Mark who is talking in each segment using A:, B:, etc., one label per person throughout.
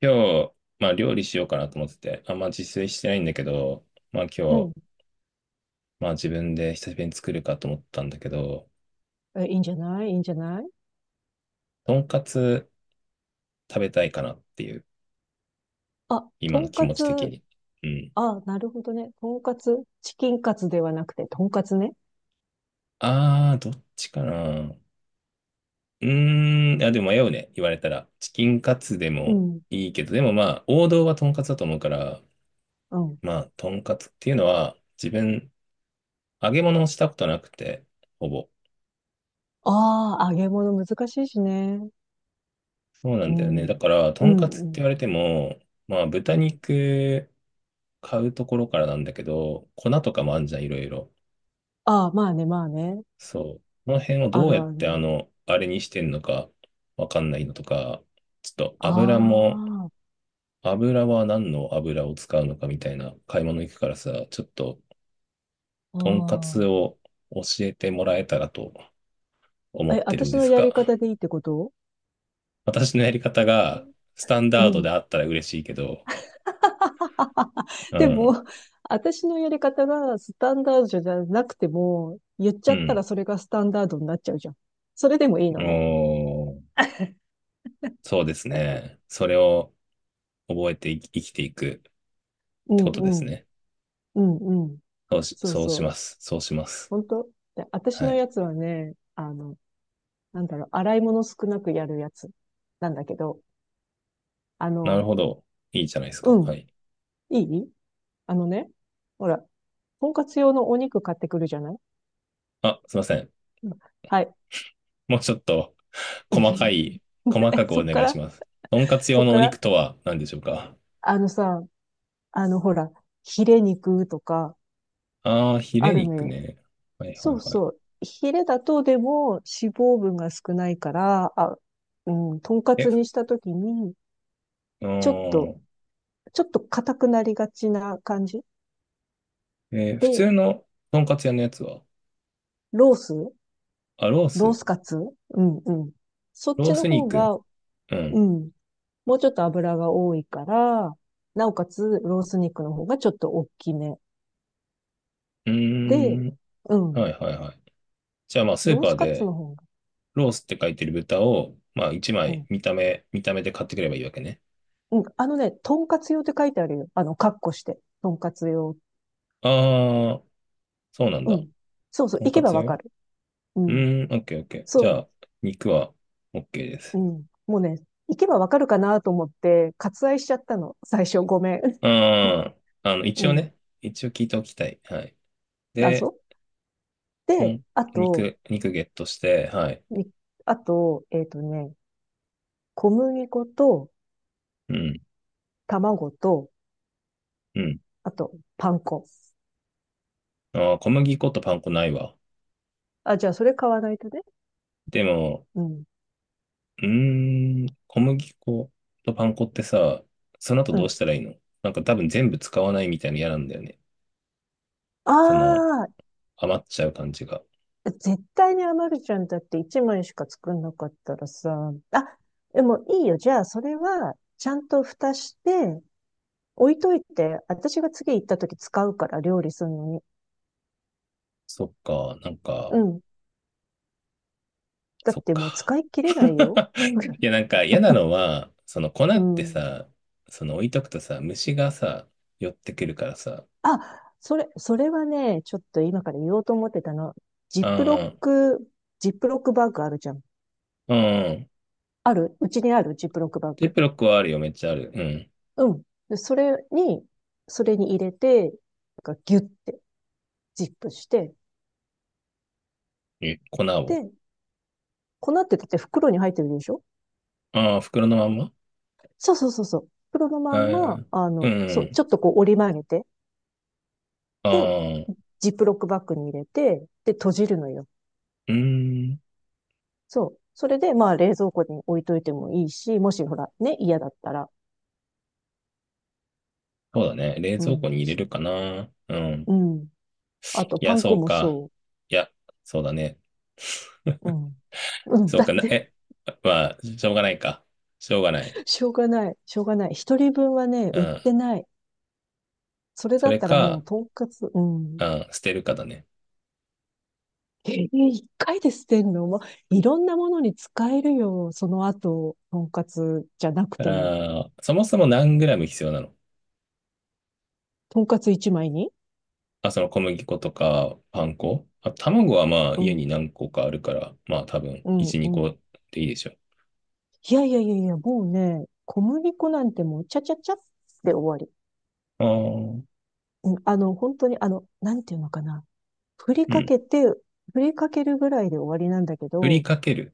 A: 今日、まあ料理しようかなと思ってて、あんま自炊してないんだけど、まあ今
B: う
A: 日、
B: ん。
A: まあ自分で久しぶりに作るかと思ったんだけど、
B: え、いいんじゃない？いいんじゃない？
A: とんかつ食べたいかなっていう、
B: あ、と
A: 今の
B: ん
A: 気
B: か
A: 持ち的
B: つ。
A: に。うん。
B: あ、なるほどね。とんかつ。チキンカツではなくて、とんかつね。
A: どっちかな。うーん、あ、でも迷うね。言われたら。チキンカツで
B: う
A: も
B: ん。
A: いいけど、でもまあ王道はとんかつだと思うから、
B: うん。
A: まあとんかつっていうのは自分揚げ物をしたことなくて、ほぼ。
B: ああ、揚げ物難しいしね。
A: そうな
B: う
A: んだよね。
B: ん。
A: だから、と
B: う
A: んかつって
B: ん、うん、
A: 言われても、まあ、
B: う
A: 豚
B: ん。
A: 肉買うところからなんだけど、粉とかもあんじゃん、いろいろ。
B: ああ、まあね、まあね。
A: そう。この辺を
B: あ
A: どう
B: る
A: やっ
B: あ
A: て、
B: る。
A: あれにしてんのか、わかんないのとか、ちょっと
B: あ
A: 油も、油は何の油を使うのかみたいな買い物行くからさ、ちょっと、
B: あ、
A: とんかつ
B: あ
A: を教えてもらえたらと
B: あ。
A: 思っ
B: え、
A: てるん
B: 私
A: で
B: の
A: す
B: やり
A: が、
B: 方でいいってこと？
A: 私のやり方がスタン
B: う
A: ダードで
B: ん。
A: あったら嬉しいけど、う
B: で
A: ん。
B: も、私のやり方がスタンダードじゃなくても、言っち
A: う
B: ゃったら
A: ん。
B: それがスタンダードになっちゃうじゃん。それでもいい
A: お
B: のね。
A: ー そうですね。それを覚えてい生きていくっ
B: う
A: てこ
B: ん
A: とです
B: うん。
A: ね。
B: うんうん。そう
A: そうし
B: そう。
A: ます。そうします。
B: 本当で、私
A: は
B: の
A: い。
B: やつはね、あの、なんだろう、洗い物少なくやるやつなんだけど、あ
A: なる
B: の、
A: ほど。いいじゃないですか。
B: う
A: は
B: ん、
A: い。
B: いい、あのね、ほら、とんかつ用のお肉買ってくるじゃない？
A: あ、すいません。
B: うん。はい。
A: もうちょっと細か い、細か
B: え、
A: く
B: そ
A: お
B: っ
A: 願
B: か
A: いし
B: ら、
A: ます。とんかつ
B: そ
A: 用
B: っ
A: の
B: か
A: お肉
B: ら、
A: とは何でしょうか？
B: あのさ、あの、ほら、ヒレ肉とか
A: ああー、ヒ
B: あ
A: レ
B: るの
A: 肉
B: よ。
A: ね。はいは
B: そ
A: い
B: う
A: はい。
B: そう。ヒレだとでも脂肪分が少ないから、あ、うん、とんか
A: え、
B: つ
A: ふ
B: にしたときに、
A: う
B: ちょっ
A: ー
B: と、
A: ん。
B: 硬くなりがちな感じ
A: 普
B: で、
A: 通のとんかつ屋のやつは、
B: ロース。
A: あ、ロー
B: ロー
A: ス。
B: スカツ。うんうん。そっ
A: ロ
B: ち
A: ー
B: の
A: ス
B: 方
A: 肉。
B: が、
A: う
B: う
A: ん。
B: ん。もうちょっと油が多いから、なおかつロース肉の方がちょっと大きめ。
A: う
B: で、
A: ーん。
B: うん。
A: はいはいはい。じゃあまあ、スー
B: ロー
A: パ
B: ス
A: ー
B: カツ
A: で、
B: の方が、
A: ロースって書いてる豚を、まあ一
B: う
A: 枚
B: ん。
A: 見た目で買ってくればいいわけね。
B: うん。あのね、とんかつ用って書いてあるよ。あの、カッコして。とんかつ用。
A: ああ、そうなん
B: う
A: だ。
B: ん。そうそう。
A: とん
B: 行け
A: か
B: ば
A: つ
B: わか
A: よ。
B: る。う
A: う
B: ん。
A: ーん、オッケーオッケー。じゃ
B: そ
A: あ、肉はオッケーで
B: う。
A: す。
B: うん。もうね、行けばわかるかなと思って、割愛しちゃったの。最初ごめん。
A: うーん、一
B: う
A: 応
B: ん。
A: ね、一応聞いておきたい。はい。で、
B: 謎
A: と
B: で、
A: ん、
B: あと、
A: 肉、肉ゲットして、はい。
B: に、あと、小麦粉と
A: うん、
B: 卵と、
A: うん。
B: あと、パン粉。
A: ああ、小麦粉とパン粉ないわ。
B: あ、じゃあ、それ買わないとね。
A: でも、
B: うん。
A: うーん、小麦粉とパン粉ってさ、その後
B: う
A: どう
B: ん。
A: したらいいの？なんか多分全部使わないみたいなの嫌なんだよね。その、
B: あ
A: 余っちゃう感じが。
B: あ、絶対に余るじゃん。だって1枚しか作んなかったらさ。あ、でもいいよ。じゃあ、それは、ちゃんと蓋して、置いといて、私が次行った時使うから、料理するのに。
A: そっか、なんか、
B: うん。だっ
A: そっ
B: てもう
A: か。
B: 使い切れないよ。
A: い や、なんか嫌なのは、その粉
B: う
A: って
B: ん。
A: さ、その置いとくとさ、虫がさ、寄ってくるからさ、
B: あ、それはね、ちょっと今から言おうと思ってたの。ジ
A: あ
B: ップロッ
A: ー
B: ク、ジップロックバッグあるじゃん。
A: うん。
B: あるうちにあるジップロックバッ
A: ジッ
B: グ。
A: プロックはあるよ、めっちゃある。うん。
B: うん。で、それに入れて、なんかギュッて、ジップして、
A: え、粉を。
B: で、粉ってだって袋に入ってるでしょ？
A: ああ、袋のまんま、
B: そうそうそうそう。袋の
A: あ
B: まんま、
A: ー
B: あ
A: う
B: の、そう、
A: ん。
B: ちょっとこう折り曲げて、
A: あ
B: で、
A: あ、う
B: ジップロックバッグに入れて、で、閉じるのよ。
A: ーん。
B: そう。それで、まあ、冷蔵庫に置いといてもいいし、もしほら、ね、嫌だったら。
A: そうだね。冷
B: う
A: 蔵庫
B: ん。
A: に入れるかな。うん。
B: うん。あと、
A: い
B: パ
A: や、
B: ン
A: そ
B: 粉
A: う
B: も
A: か。
B: そ
A: いや、そうだね。
B: う。うん。うん。
A: そう
B: だ
A: か
B: っ
A: な、
B: て
A: え、まあ、しょうがないか。しょうがない。
B: しょうがない。しょうがない。一人分はね、
A: う
B: 売って
A: ん。
B: ない。それ
A: そ
B: だっ
A: れ
B: たらもう、
A: か、
B: とんかつ、うん。
A: うん、捨てるかだね。
B: 一回で捨てんのもう、いろんなものに使えるよ。その後、とんかつじゃなくても。
A: あー、そもそも何グラム必要なの？
B: とんかつ一枚に。
A: あ、その小麦粉とかパン粉、あ、卵はまあ
B: う
A: 家
B: ん。
A: に何個かあるから、まあ多分
B: うん。
A: 1、
B: う
A: 2
B: ん。
A: 個でいいでしょう。
B: いやいやいやいや、もうね、小麦粉なんてもう、ちゃちゃちゃって終わり。
A: あー
B: うん、あの、本当に、あの、なんていうのかな。振り
A: う
B: か
A: ん。
B: けて、振りかけるぐらいで終わりなんだけ
A: 振り
B: ど、
A: かける。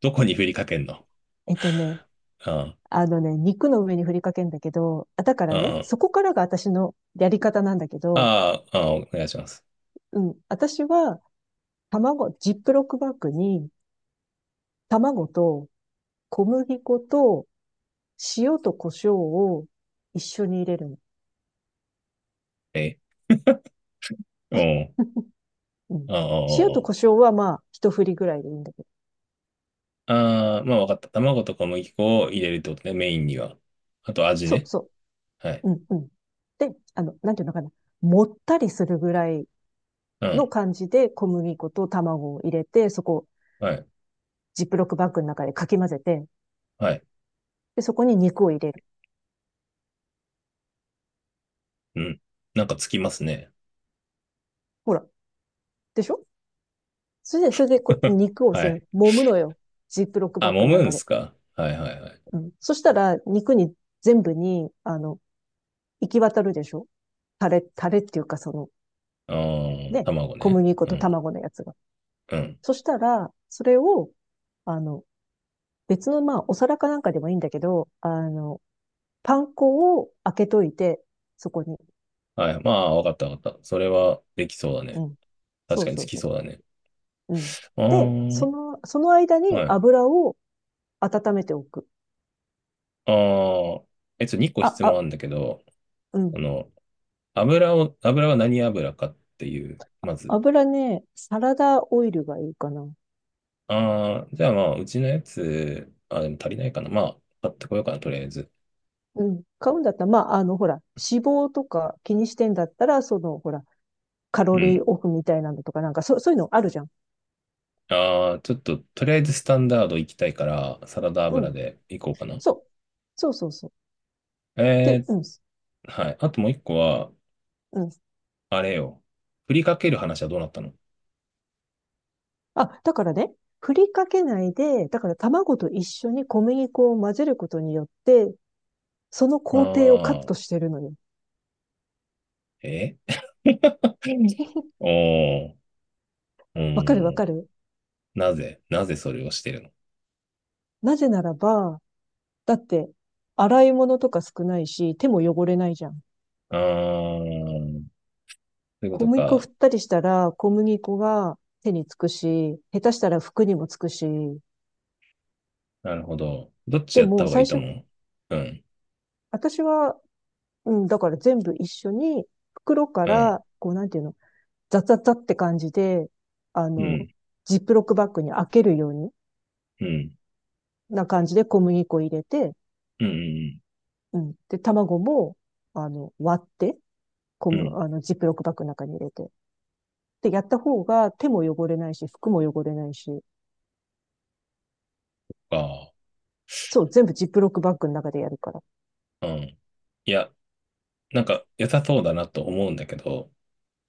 A: どこに振りかけんの？
B: えっとね、
A: あ
B: あのね、肉の上に振りかけんだけど、あ、だか
A: ー、
B: らね、
A: あー、
B: そこからが私のやり方なんだけど、
A: あー、あーお願いします。
B: うん、私は卵、ジップロックバッグに卵と小麦粉と塩と胡椒を一緒に入れるの。
A: え、うん。
B: うん、
A: あーあ
B: 塩と胡
A: ー、
B: 椒はまあ、一振りぐらいでいいんだけど。
A: あーあー、まあわかった。卵と小麦粉を入れるってことね、メインには。あと味
B: そう
A: ね。
B: そ
A: はい。
B: う。うん、うん。で、あの、なんていうのかな。もったりするぐらい
A: う
B: の
A: ん。
B: 感じで小麦粉と卵を入れて、そこを
A: はい。
B: ジップロックバッグの中でかき混ぜて、
A: はい。
B: で、そこに肉を入れる。
A: うん。なんかつきますね。
B: ほら。でしょ？それでこう、肉を
A: は
B: 全
A: い。
B: 揉むのよ。ジップロック
A: あ、
B: バッグ
A: 揉
B: の
A: む
B: 中
A: ん
B: で。
A: すか？はいはいはい。
B: うん。そしたら、肉に、全部に、あの、行き渡るでしょ？タレっていうか、その、
A: あー、
B: ね、
A: 卵
B: 小
A: ね。
B: 麦粉
A: う
B: と
A: ん。
B: 卵のやつが。
A: うん。
B: そしたら、それを、あの、別の、まあ、お皿かなんかでもいいんだけど、あの、パン粉を開けといて、そこに。
A: はい。まあ、わかったわかった。それはできそうだ
B: う
A: ね。
B: ん。そ
A: 確
B: う
A: かに
B: そ
A: つ
B: う
A: き
B: そ
A: そうだね。
B: う。うん。
A: あ
B: で、そ
A: ー、
B: の、その間に
A: はい。
B: 油を温めておく。
A: あー、え、2個
B: あ、
A: 質問あ
B: あ、
A: るんだけど、
B: う
A: あ
B: ん。
A: の、油は何油かっていう、まず。
B: 油ね、サラダオイルがいいかな。
A: あー、じゃあまあ、うちのやつ、あ、でも足りないかな。まあ、買ってこようかな、とりあえず。
B: うん。買うんだったら、まあ、あの、ほら、脂肪とか気にしてんだったら、その、ほら、カ
A: う
B: ロリー
A: ん。
B: オフみたいなのとか、なんか、そう、そういうのあるじゃん。
A: ああ、ちょっと、とりあえずスタンダード行きたいから、サラダ
B: う
A: 油
B: ん。
A: で行こうかな。
B: そう。そうそうそう。で、
A: え
B: うん。
A: はい。あともう一個は、
B: うん。
A: あれよ。振りかける話はどうなったの？
B: あ、だからね、振りかけないで、だから卵と一緒に小麦粉を混ぜることによって、その工程をカット
A: ああ
B: してるのよ。
A: ー、え おおー、う
B: わかるわ
A: ー
B: か
A: ん。
B: る。
A: なぜそれをしてるの？
B: なぜならば、だって、洗い物とか少ないし、手も汚れないじゃん。
A: ああー、そういうこ
B: 小
A: と
B: 麦粉
A: か。
B: 振ったりしたら、小麦粉が手につくし、下手したら服にもつくし、
A: なるほど。どっち
B: で
A: やった
B: も
A: 方がい
B: 最
A: いと
B: 初、
A: 思う？うん、
B: 私は、うん、だから全部一緒に、袋か
A: うん、
B: ら、こうなんていうの、ザザザって感じで、あ
A: う
B: の、
A: ん、
B: ジップロックバッグに開けるように
A: うん、
B: な感じで小麦粉入れて、
A: うん、うん、
B: うん。で、卵も、あの、割って、
A: うん、うん
B: あの、ジップロックバッグの中に入れて。で、やった方が手も汚れないし、服も汚れないし、
A: か。
B: そう、全部ジップロックバッグの中でやるから。
A: うん。いや、なんか良さそうだなと思うんだけど、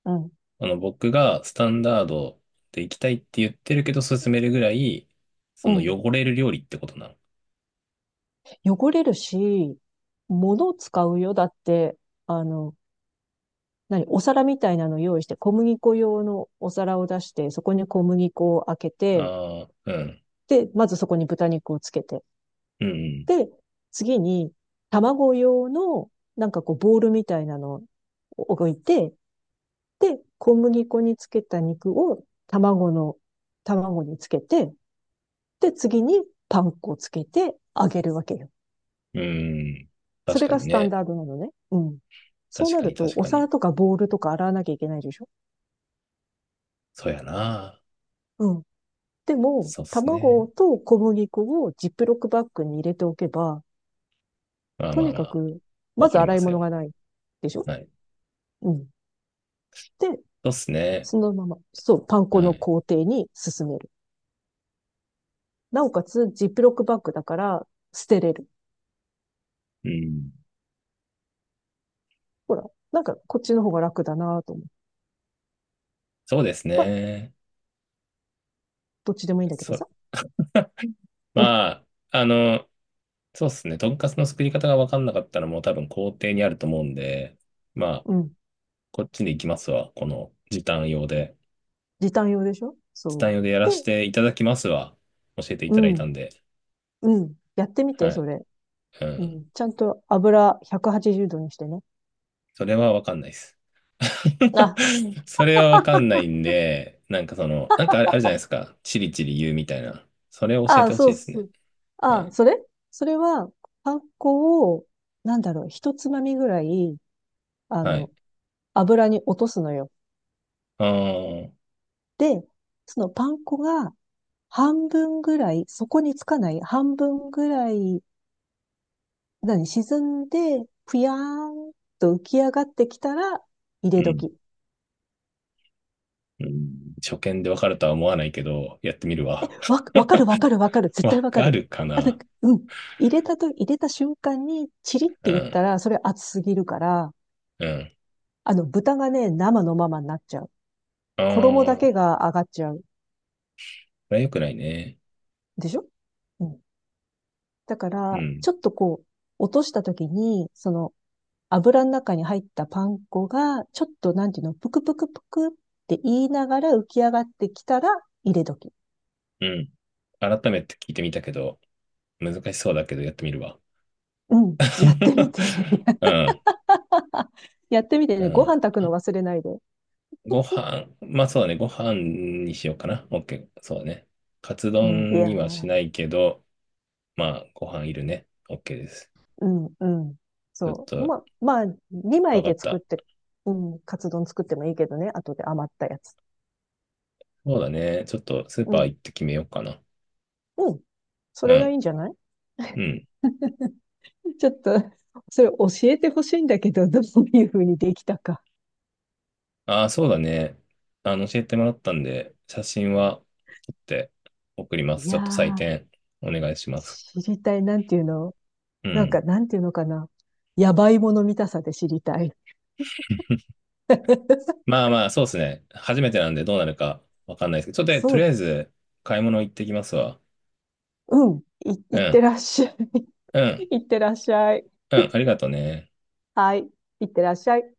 B: うん。
A: 僕がスタンダードで行きたいって言ってるけど、勧めるぐらい、そ
B: う
A: の
B: ん。
A: 汚れる料理ってことなの？
B: 汚れるし、物を使うよ。だって、あの、何、お皿みたいなの用意して、小麦粉用のお皿を出して、そこに小麦粉を開けて、
A: ああ、うん、
B: で、まずそこに豚肉をつけて、
A: うん、
B: で、次に卵用の、なんかこう、ボールみたいなのを置いて、で、小麦粉につけた肉を卵につけて、で、次にパン粉をつけて揚げるわけよ。
A: うん。
B: そ
A: 確
B: れ
A: か
B: が
A: に
B: スタン
A: ね。
B: ダードなのね。うん。そう
A: 確
B: な
A: か
B: る
A: に、
B: と、
A: 確
B: お
A: か
B: 皿
A: に。
B: とかボウルとか洗わなきゃいけないでしょ？
A: そうやな。
B: うん。でも、
A: そうっす
B: 卵
A: ね。
B: と小麦粉をジップロックバッグに入れておけば、
A: まあ
B: と
A: まあ
B: に
A: ま
B: か
A: あ、
B: く、ま
A: わか
B: ず
A: り
B: 洗
A: ま
B: い
A: す
B: 物
A: よ。
B: がないでしょ？
A: はい。
B: うん。で、
A: そうっすね。
B: そのまま、そう、パン粉
A: は
B: の
A: い。
B: 工程に進める。なおかつ、ジップロックバッグだから、捨てれる。
A: うん。
B: ほら、なんか、こっちの方が楽だなと思う。
A: そうです
B: まあ、
A: ね。
B: どっちでもいいんだけど
A: そ、
B: さ。
A: まあ、あの、そうっすね。とんかつの作り方がわかんなかったらもう多分工程にあると思うんで、ま あ、
B: うん。
A: こっちで行きますわ。この時短用で。
B: 時短用でしょ？
A: 時
B: そ
A: 短
B: う。
A: 用でやらせ
B: で、
A: ていただきますわ。教えてい
B: う
A: ただいた
B: ん、
A: んで。
B: うん。やってみて、
A: は
B: そ
A: い。
B: れ。
A: う
B: う
A: ん。
B: ん。ちゃんと油180度にしてね。
A: それはわかんないです。
B: あ、
A: それはわかんないんで、なんかその、なんかあれ、あるじゃないですか。チリチリ言うみたいな。それを教え
B: あ
A: て
B: あ
A: ほし
B: そ
A: い
B: う
A: です
B: そ
A: ね。
B: う。
A: は
B: ああ、
A: い。
B: それは、パン粉を、なんだろう、一つまみぐらい、あ
A: は
B: の、
A: い。
B: 油に落とすのよ。
A: あー、
B: で、そのパン粉が半分ぐらい、そこにつかない半分ぐらい、何、沈んで、ぷやーんと浮き上がってきたら、入
A: う
B: れ
A: ん。
B: 時。
A: うん。初見でわかるとは思わないけど、やってみるわ。
B: わかるわかるわかる。絶対
A: わ
B: わか
A: か
B: る。
A: るか
B: あ、なん
A: な。
B: か、うん。入れた瞬間に、チリっ
A: う
B: て言った
A: ん。
B: ら、それ熱すぎるから、
A: うん。
B: あの、豚がね、生のままになっちゃう。
A: あ
B: 衣だ
A: あ、こ
B: けが上がっちゃう。
A: れは良くないね。
B: でしょ？うん。だか
A: う
B: ら、
A: ん。
B: ちょっとこう、落とした時に、その、油の中に入ったパン粉が、ちょっと、なんていうの、ぷくぷくぷくって言いながら浮き上がってきたら、入れ時。
A: うん。改めて聞いてみたけど、難しそうだけどやってみるわ。
B: うん。やってみて。
A: うん、
B: やってみて
A: う
B: ね。ご
A: ん。
B: 飯炊くの
A: あ、
B: 忘れないで。
A: ご飯、まあそうだね、ご飯にしようかな。OK、そうだね。カツ
B: うん。い
A: 丼
B: や
A: にはし
B: ー。
A: ないけど、まあご飯いるね。OK です。
B: うん、うん。
A: ちょっ
B: そう。
A: と、
B: まあ、2枚
A: わか
B: で
A: っ
B: 作っ
A: た。
B: て、うん、カツ丼作ってもいいけどね。後で余ったやつ。
A: そうだね。ちょっとスー
B: う
A: パー
B: ん、
A: 行って決めようかな。
B: うん。そ
A: う
B: れが
A: ん、
B: いいんじゃない？
A: うん。
B: ちょっと、それ教えてほしいんだけど、どういうふうにできたか。
A: ああ、そうだね。教えてもらったんで、写真は撮って送りま
B: い
A: す。ち
B: や
A: ょっと採
B: ー、
A: 点お願いします。
B: 知りたい。なんていうの？
A: う
B: なんか、
A: ん。
B: なんていうのかな。やばいもの見たさで知りたい。
A: まあまあ、そうですね。初めてなんでどうなるかわかんないですけど、ちょっと
B: そ
A: とりあ
B: う、
A: えず買い物行ってきますわ。
B: うん。い
A: う
B: って
A: ん、
B: らっしゃい。
A: うん、
B: いってらっしゃい。
A: うん、ありがとうね。
B: はい。いってらっしゃい。